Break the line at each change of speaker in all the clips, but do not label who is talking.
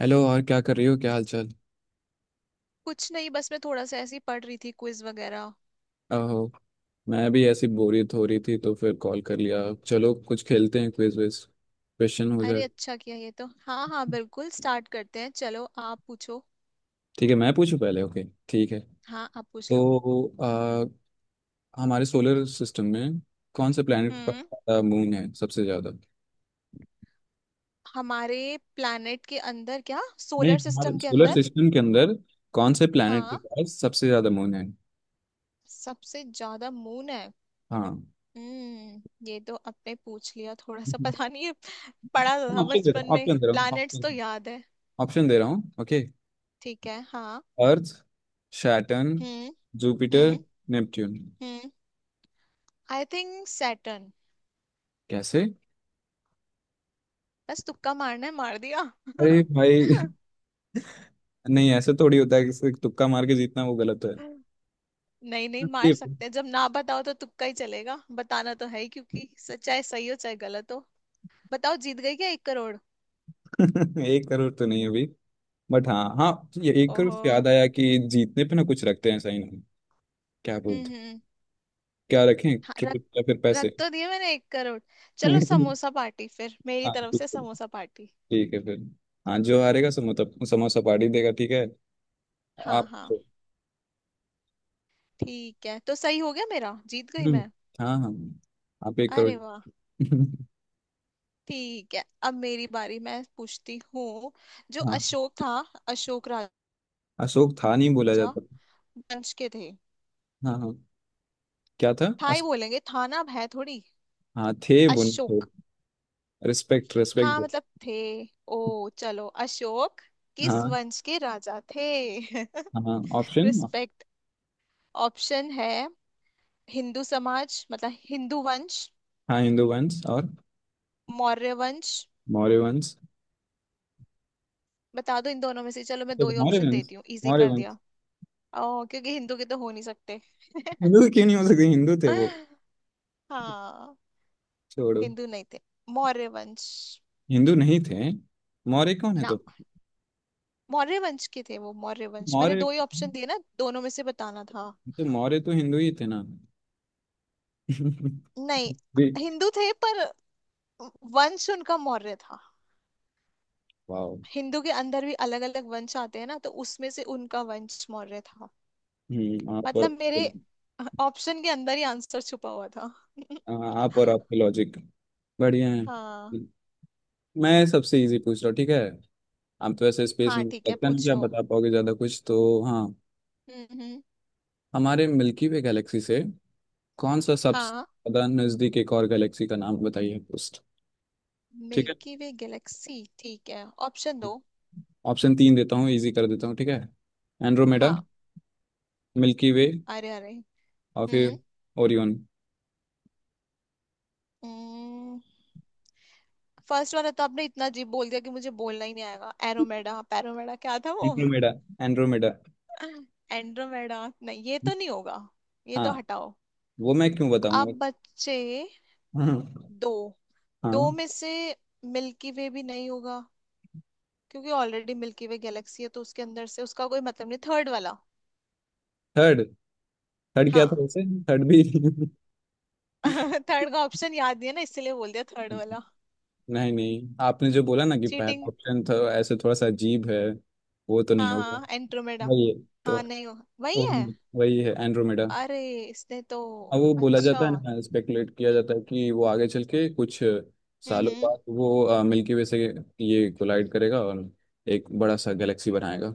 Hello. और क्या कर रही हो? क्या हाल चाल?
कुछ नहीं, बस मैं थोड़ा सा ऐसे ही पढ़ रही थी क्विज वगैरह।
आहो। मैं भी ऐसी बोरियत हो रही थी तो फिर कॉल कर लिया। चलो कुछ खेलते हैं, क्विज विज क्वेश्चन हो जाए।
अरे अच्छा किया ये तो। हाँ हाँ बिल्कुल, स्टार्ट करते हैं, चलो आप पूछो।
ठीक है, मैं पूछूं पहले। ओके, ठीक है।
हाँ आप पूछ लो।
तो हमारे सोलर सिस्टम में कौन से प्लैनेट के
हम्म।
पास मून है सबसे ज्यादा?
हमारे प्लैनेट के अंदर क्या
नहीं,
सोलर
हमारे
सिस्टम के
सोलर
अंदर?
सिस्टम के अंदर कौन से प्लैनेट के
हाँ।
पास सबसे ज्यादा मून है?
सबसे ज्यादा मून है।
हाँ।
हम्म, ये तो आपने पूछ लिया, थोड़ा सा पता नहीं है। पढ़ा तो था
ऑप्शन दे रहा
बचपन
हूँ,
में,
ऑप्शन दे रहा
प्लैनेट्स तो
हूँ,
याद है।
ऑप्शन दे रहा हूँ, ओके।
ठीक है, हाँ।
अर्थ, सैटर्न,
हम्म।
जुपिटर,
हम्म।
नेपट्यून।
हम्म, आई थिंक सैटर्न।
कैसे?
बस तुक्का मारना है, मार दिया।
अरे भाई नहीं, ऐसे थोड़ी होता है कि सिर्फ तुक्का मार के जीतना वो गलत है।
नहीं नहीं, मार
ये।
सकते हैं, जब ना बताओ तो तुक्का ही चलेगा, बताना तो है ही, क्योंकि चाहे सही हो चाहे गलत हो। बताओ, जीत गई क्या 1 करोड़?
1 करोड़ तो नहीं है अभी। बट हाँ हाँ, ये 1 करोड़
ओहो।
से याद आया कि जीतने पे ना कुछ रखते हैं साइन हम। क्या बोलते?
हम्म।
क्या रखें?
हाँ,
ट्रिप
रख
या फिर
रख
पैसे?
तो दिए मैंने 1 करोड़। चलो
हाँ,
समोसा पार्टी, फिर मेरी तरफ
ठीक
से
है।
समोसा पार्टी।
ठीक है फिर। हाँ, जो हारेगा सो मतलब समोसा पार्टी देगा, ठीक है।
हाँ
आप।
हाँ। ठीक है तो सही हो गया मेरा, जीत गई
हम्म,
मैं।
हाँ हाँ, आप 1 करोड़।
अरे वाह। ठीक है, अब मेरी बारी, मैं पूछती हूँ। जो
हाँ।
अशोक था। अशोक
अशोक था नहीं बोला
राजा
जाता।
वंश के थे।
हाँ हाँ। क्या था
था ही बोलेंगे, था ना, अब है थोड़ी।
हाँ थे बोले।
अशोक।
Respect respect.
हाँ मतलब थे। ओ चलो, अशोक किस
हाँ
वंश के राजा थे?
हाँ। ऑप्शन।
रिस्पेक्ट। ऑप्शन है। हिंदू समाज मतलब हिंदू वंश।
हाँ, हिंदू वंश और
मौर्य वंश।
मौर्य वंश।
बता दो इन दोनों में से, चलो मैं दो
तो
ही
मौर्य
ऑप्शन
वंश,
देती हूँ, इजी
मौर्य
कर दिया।
वंश।
ओ क्योंकि हिंदू के तो हो नहीं सकते।
हिंदू तो क्यों नहीं हो सकते, हिंदू थे वो।
हाँ।
छोड़ो।
हिंदू नहीं थे। मौर्य वंश।
हिंदू नहीं थे। मौर्य कौन है
ना।
तो?
मौर्य वंश के थे वो, मौर्य वंश, मैंने
मौर्य।
दो ही ऑप्शन दिए ना, दोनों में से बताना था।
तो मौर्य तो हिंदू ही थे ना?
नहीं,
भी।
हिंदू थे पर वंश उनका मौर्य था।
वाओ।
हिंदू के अंदर भी अलग अलग वंश आते हैं ना, तो उसमें से उनका वंश मौर्य था।
हम्म, आप और।
मतलब मेरे ऑप्शन के अंदर ही आंसर छुपा हुआ था।
आप और आपके लॉजिक बढ़िया है।
हाँ
मैं सबसे इजी पूछ रहा हूँ, ठीक है। आप तो ऐसे स्पेस में
हाँ, ठीक है
लगता नहीं कि आप
पूछो।
बता पाओगे ज्यादा कुछ, तो हाँ।
हम्म हम्म,
हमारे मिल्की वे गैलेक्सी से कौन सा सबसे
हाँ।
ज्यादा नजदीक एक और गैलेक्सी का नाम बताइए दोस्त। ठीक है,
मिल्की वे गैलेक्सी, ठीक है, ऑप्शन दो।
ऑप्शन तीन देता हूँ, इजी कर देता हूँ, ठीक है। एंड्रोमेडा,
हाँ।
मिल्की वे
अरे अरे।
और
हम्म।
फिर ओरियन।
फर्स्ट वाला तो आपने इतना जी बोल दिया कि मुझे बोलना ही नहीं आएगा। एरोमेडा पैरोमेडा क्या था वो?
एंड्रोमेडा। एंड्रोमेडा।
एंड्रोमेडा नहीं, ये तो नहीं होगा, ये
हाँ,
तो हटाओ।
वो मैं क्यों
अब
बताऊंगा।
बच्चे
हाँ
दो, दो
हाँ।
में से मिल्की वे भी नहीं होगा, क्योंकि ऑलरेडी मिल्की वे गैलेक्सी है तो उसके अंदर से उसका कोई मतलब नहीं। थर्ड वाला।
थर्ड। थर्ड क्या था
हाँ।
वैसे? थर्ड भी।
थर्ड का ऑप्शन याद नहीं है ना, इसलिए बोल दिया थर्ड वाला।
नहीं नहीं, आपने जो बोला ना कि पहला
चीटिंग।
ऑप्शन था, ऐसे थोड़ा सा अजीब है। वो तो नहीं
हाँ
होगा।
हाँ एंड्रोमेडा।
वही है। तो
हाँ नहीं हो, वही है।
वो- वही है एंड्रोमेडा।
अरे इसने तो।
अब वो बोला
अच्छा।
जाता है ना, स्पेकुलेट किया जाता है कि वो आगे चल के कुछ सालों
हम्म।
बाद वो मिल्की वे से ये कोलाइड करेगा और एक बड़ा सा गैलेक्सी बनाएगा।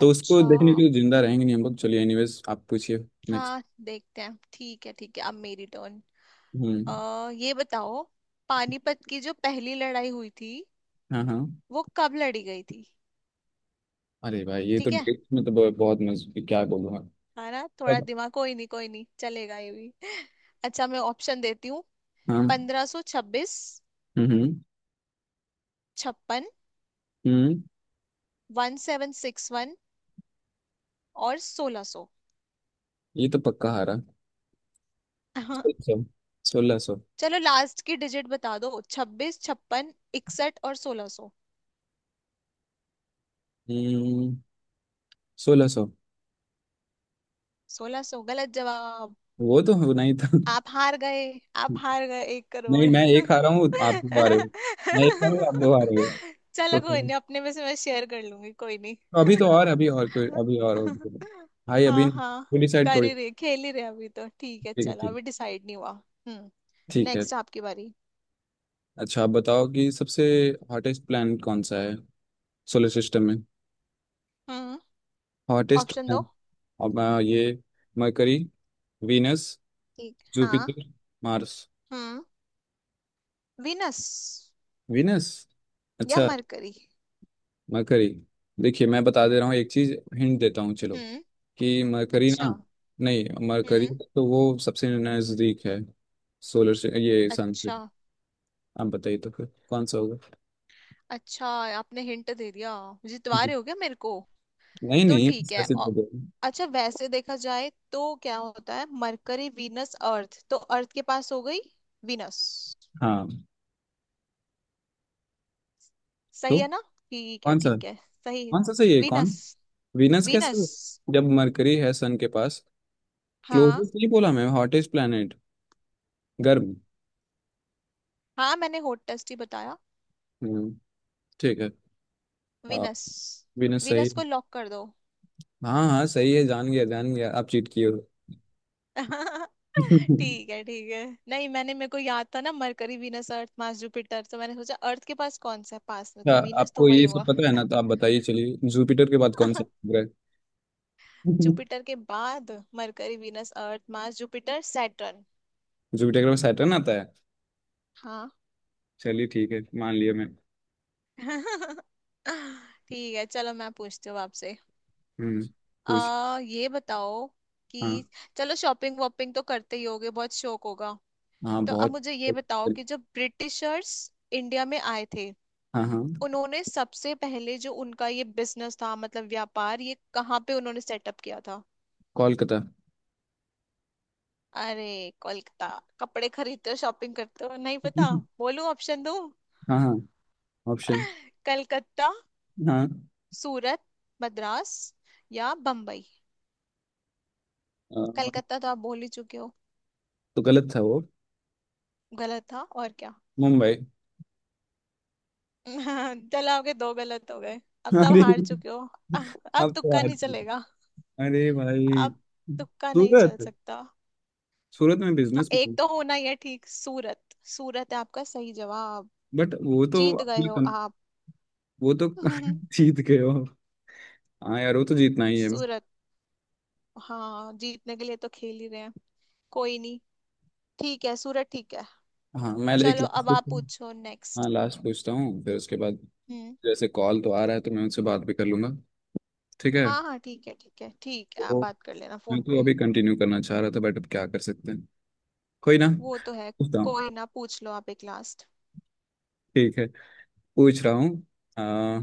तो उसको
अच्छा।
देखने के लिए जिंदा रहेंगे नहीं हम लोग। चलिए एनीवेज, आप पूछिए नेक्स्ट।
हाँ देखते हैं, ठीक है ठीक है, अब मेरी टर्न। अ
हम्म।
ये बताओ। पानीपत की जो पहली लड़ाई हुई थी,
हाँ हाँ।
वो कब लड़ी गई थी?
अरे भाई, ये तो
ठीक है।
डेट में तो बहुत मज, क्या बोलूँगा।
हाँ ना, थोड़ा
अब,
दिमाग, कोई नहीं कोई नहीं, चलेगा ये भी। अच्छा मैं ऑप्शन देती हूँ।
हाँ।
1526।
हम्म
56।
हम्म।
1761। और 1600।
ये तो पक्का हारा। सोलह सौ 1600।
चलो लास्ट की डिजिट बता दो, 26, छप्पन, 61 और 1600।
हम्म। 1600।
1600 गलत जवाब।
वो तो होना ही था।
आप हार गए। आप हार गए एक
नहीं,
करोड़
मैं एक हारा हूँ आप दो हारे हो। मैं एक हारा हूँ आप दो हारे हो।
चलो कोई
तो
नहीं, अपने में से मैं शेयर कर लूंगी, कोई नहीं।
अभी तो, और अभी और कोई अभी और होगी। भाई अभी
हाँ हाँ,
पूरी साइड
कर
थोड़ी।
ही रहे, खेल ही रहे अभी तो, ठीक है
ठीक है,
चलो,
ठीक,
अभी डिसाइड नहीं हुआ। हम्म।
ठीक है।
नेक्स्ट आपकी बारी।
अच्छा, आप बताओ कि सबसे हॉटेस्ट प्लैनेट कौन सा है सोलर सिस्टम में?
हम्म।
हॉटेस्ट
ऑप्शन दो।
प्लैनेट? अब ये मरकरी, वीनस,
ठीक, हाँ।
Jupiter, Mars.
हम्म। विनस।
वीनस,
या
अच्छा।
मरकरी।
मरकरी। देखिए मैं बता दे रहा हूँ एक चीज, हिंट देता हूँ चलो।
हम्म।
कि मरकरी
अच्छा।
ना, नहीं मरकरी
हम्म।
तो वो सबसे नजदीक है सोलर से, ये सन से।
अच्छा।
आप बताइए तो फिर कौन सा होगा?
अच्छा, आपने हिंट दे दिया, जितवा रहे हो क्या मेरे को?
नहीं
तो
नहीं,
ठीक है
ऐसे तो बोलो।
अच्छा वैसे देखा जाए तो क्या होता है, मरकरी, वीनस, अर्थ, तो अर्थ के पास हो गई वीनस।
हाँ तो
सही है ना? ठीक है
कौन सा?
ठीक है। सही।
कौन सा सही है कौन
वीनस।
सा? वीनस कैसे
वीनस।
हो? जब मरकरी है सन के पास,
हाँ,
क्लोजेस्ट नहीं बोला मैं, हॉटेस्ट प्लेनेट, गर्म।
हाँ मैंने होट टेस्ट ही बताया।
हम्म, ठीक है। आ,
वीनस।
वीनस सही।
वीनस को लॉक कर दो।
हाँ हाँ सही है, जान गया आप चीट किए हो।
ठीक है ठीक है, नहीं मैंने, मेरे को याद था ना, Mercury, Venus, Earth, Mars, Jupiter, तो मैंने सोचा अर्थ के पास कौन सा है, पास में
अच्छा
तो वीनस, तो
आपको
वही
ये सब
होगा।
पता है ना, तो आप बताइए, चलिए जुपिटर के बाद कौन सा ग्रह है?
जुपिटर के बाद, Mercury, Venus, Earth, Mars, Jupiter, Saturn.
Jupiter के बाद सैटर्न आता है।
हाँ।
चलिए ठीक है मान लिया मैं।
ठीक है चलो, मैं पूछती हूँ आपसे।
हम्म, पूछ।
आ ये बताओ
हाँ
कि, चलो शॉपिंग वॉपिंग तो करते ही होगे, बहुत शौक होगा।
हाँ
तो अब
बहुत।
मुझे ये बताओ कि जब ब्रिटिशर्स इंडिया में आए थे,
हाँ हाँ,
उन्होंने सबसे पहले जो उनका ये बिजनेस था मतलब व्यापार, ये कहाँ पे उन्होंने सेटअप किया था?
कोलकाता।
अरे कोलकाता, कपड़े खरीदते हो, शॉपिंग करते हो, नहीं पता? बोलूं ऑप्शन दो।
हाँ हाँ, ऑप्शन।
कलकत्ता,
हाँ।
सूरत, मद्रास या बम्बई।
अ,
कलकत्ता तो आप बोल ही चुके हो,
तो गलत था वो।
गलत था, और क्या।
मुंबई।
चलो आपके दो गलत हो गए, अब तो आप
अरे,
हार चुके हो। अब
अब तो
तुक्का
हट।
नहीं चलेगा,
अरे भाई
अब तुक्का नहीं चल
सूरत,
सकता।
सूरत में
हाँ,
बिजनेस में।
एक तो होना ही है, ठीक, सूरत। सूरत है आपका सही जवाब।
बट वो तो
जीत गए
अपना
हो आप।
वो तो जीत गए हो। हाँ यार, वो तो जीतना ही है।
सूरत। हाँ जीतने के लिए तो खेल ही रहे हैं, कोई नहीं, ठीक है, सूरत, ठीक है।
हाँ मैं एक
चलो अब
लाख
आप पूछो
हाँ,
नेक्स्ट।
लास्ट पूछता हूँ फिर उसके बाद
हम्म।
जैसे कॉल तो आ रहा है तो मैं उनसे बात भी कर लूंगा। ठीक है।
हाँ हाँ, ठीक है ठीक है ठीक है, आप
तो
बात कर लेना
मैं
फोन
तो
पे।
अभी कंटिन्यू करना चाह रहा था बट अब क्या कर सकते हैं, कोई ना।
वो तो है।
पूछता हूँ।
कोई ना, पूछ लो आप एक लास्ट।
ठीक है पूछ रहा हूँ। आ,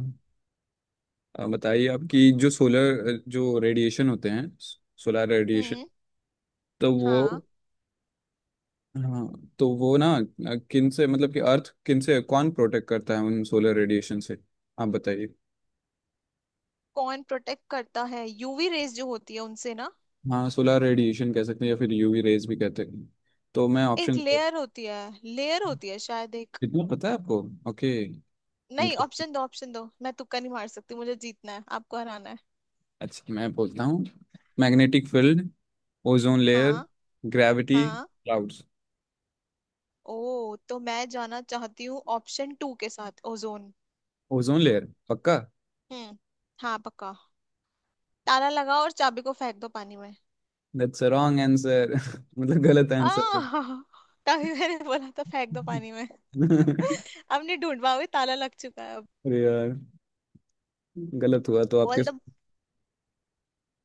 आ, बताइए, आपकी जो सोलर जो रेडिएशन होते हैं, सोलर रेडिएशन
हम्म।
तो वो,
हाँ।
हाँ तो वो ना किन से, मतलब कि अर्थ किन से, कौन प्रोटेक्ट करता है उन सोलर रेडिएशन से? आप बताइए।
कौन प्रोटेक्ट करता है, यूवी रेज जो होती है उनसे ना?
हाँ, सोलर रेडिएशन कह सकते हैं या फिर यूवी रेज भी कहते हैं। तो मैं
एक
ऑप्शन,
लेयर होती है, लेयर होती है शायद एक।
कितना पता है आपको, ओके।
नहीं
इंटरेस्टिंग।
ऑप्शन दो, ऑप्शन दो, मैं तुक्का नहीं मार सकती, मुझे जीतना है, आपको हराना है।
अच्छा मैं बोलता हूँ। मैग्नेटिक फील्ड, ओजोन लेयर,
हाँ।
ग्रेविटी
हाँ।
क्लाउड्स।
ओ तो मैं जाना चाहती हूँ ऑप्शन टू के साथ, ओजोन।
ओजोन लेयर पक्का?
हम्म। हाँ पक्का। ताला लगाओ और चाबी को फेंक दो पानी में।
दैट्स अ रॉन्ग आंसर मतलब गलत
आ
आंसर है।
तभी मैंने बोला था फेंक दो पानी में। अब नहीं ढूंढ पाओगे, ताला लग चुका है अब।
अरे यार, गलत हुआ तो आपके?
बोल दो।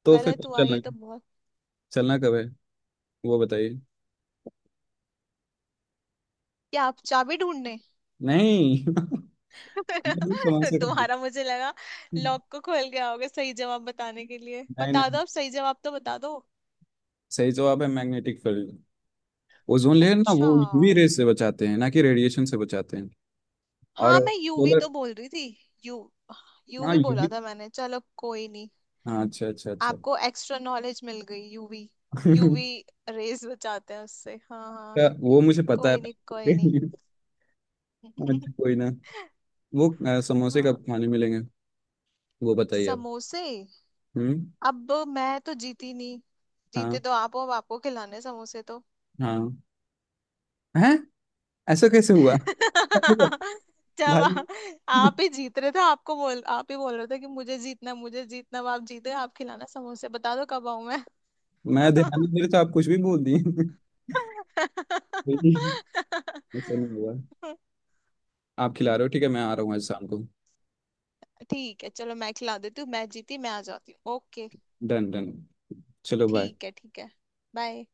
तो फिर
गलत
कब
हुआ
चलना
ये तो
है?
बहुत।
चलना कब है, वो बताइए।
क्या आप चाबी ढूंढने,
नहीं। ये तो समझ से करना।
तुम्हारा, मुझे लगा लॉक को खोल के आओगे सही जवाब बताने के लिए।
नहीं
बता
नहीं,
दो अब सही जवाब तो बता दो।
सही जवाब है मैग्नेटिक फील्ड। ओजोन लेयर ना वो
अच्छा।
यूवी रेस से बचाते हैं ना कि रेडिएशन से बचाते हैं।
हाँ
और
मैं यूवी
सोलर।
तो बोल रही थी। यू,
हाँ
यूवी
ये
बोला
भी।
था मैंने, चलो कोई नहीं।
हाँ अच्छा अच्छा अच्छा।
आपको एक्स्ट्रा नॉलेज मिल गई, यूवी।
क्या-
यूवी रेज बचाते हैं उससे, हाँ हाँ।
वो मुझे पता है।
कोई नहीं कोई नहीं।
अच्छा कोई ना, वो समोसे
हाँ।
कब खाने मिलेंगे, वो बताइए आप।
समोसे।
हम्म।
अब मैं तो जीती नहीं, जीते
हाँ
तो आप हो, अब आपको खिलाने समोसे तो।
हाँ हैं। ऐसा कैसे हुआ?
जब आ-
भाई
आप ही जीत रहे थे, आपको बोल, आप ही बोल रहे थे कि मुझे जीतना है, अब आप जीते, आप खिलाना समोसे, बता दो कब आऊं मैं।
मैं ध्यान नहीं दे रहा तो आप कुछ भी बोल दिए। ऐसा नहीं हुआ। आप खिला रहे हो, ठीक है मैं आ रहा हूँ आज शाम को।
ठीक है चलो, मैं खिला देती हूँ, मैं जीती, मैं आ जाती हूँ, ओके।
Done done. चलो बाय।
ठीक है ठीक है, बाय।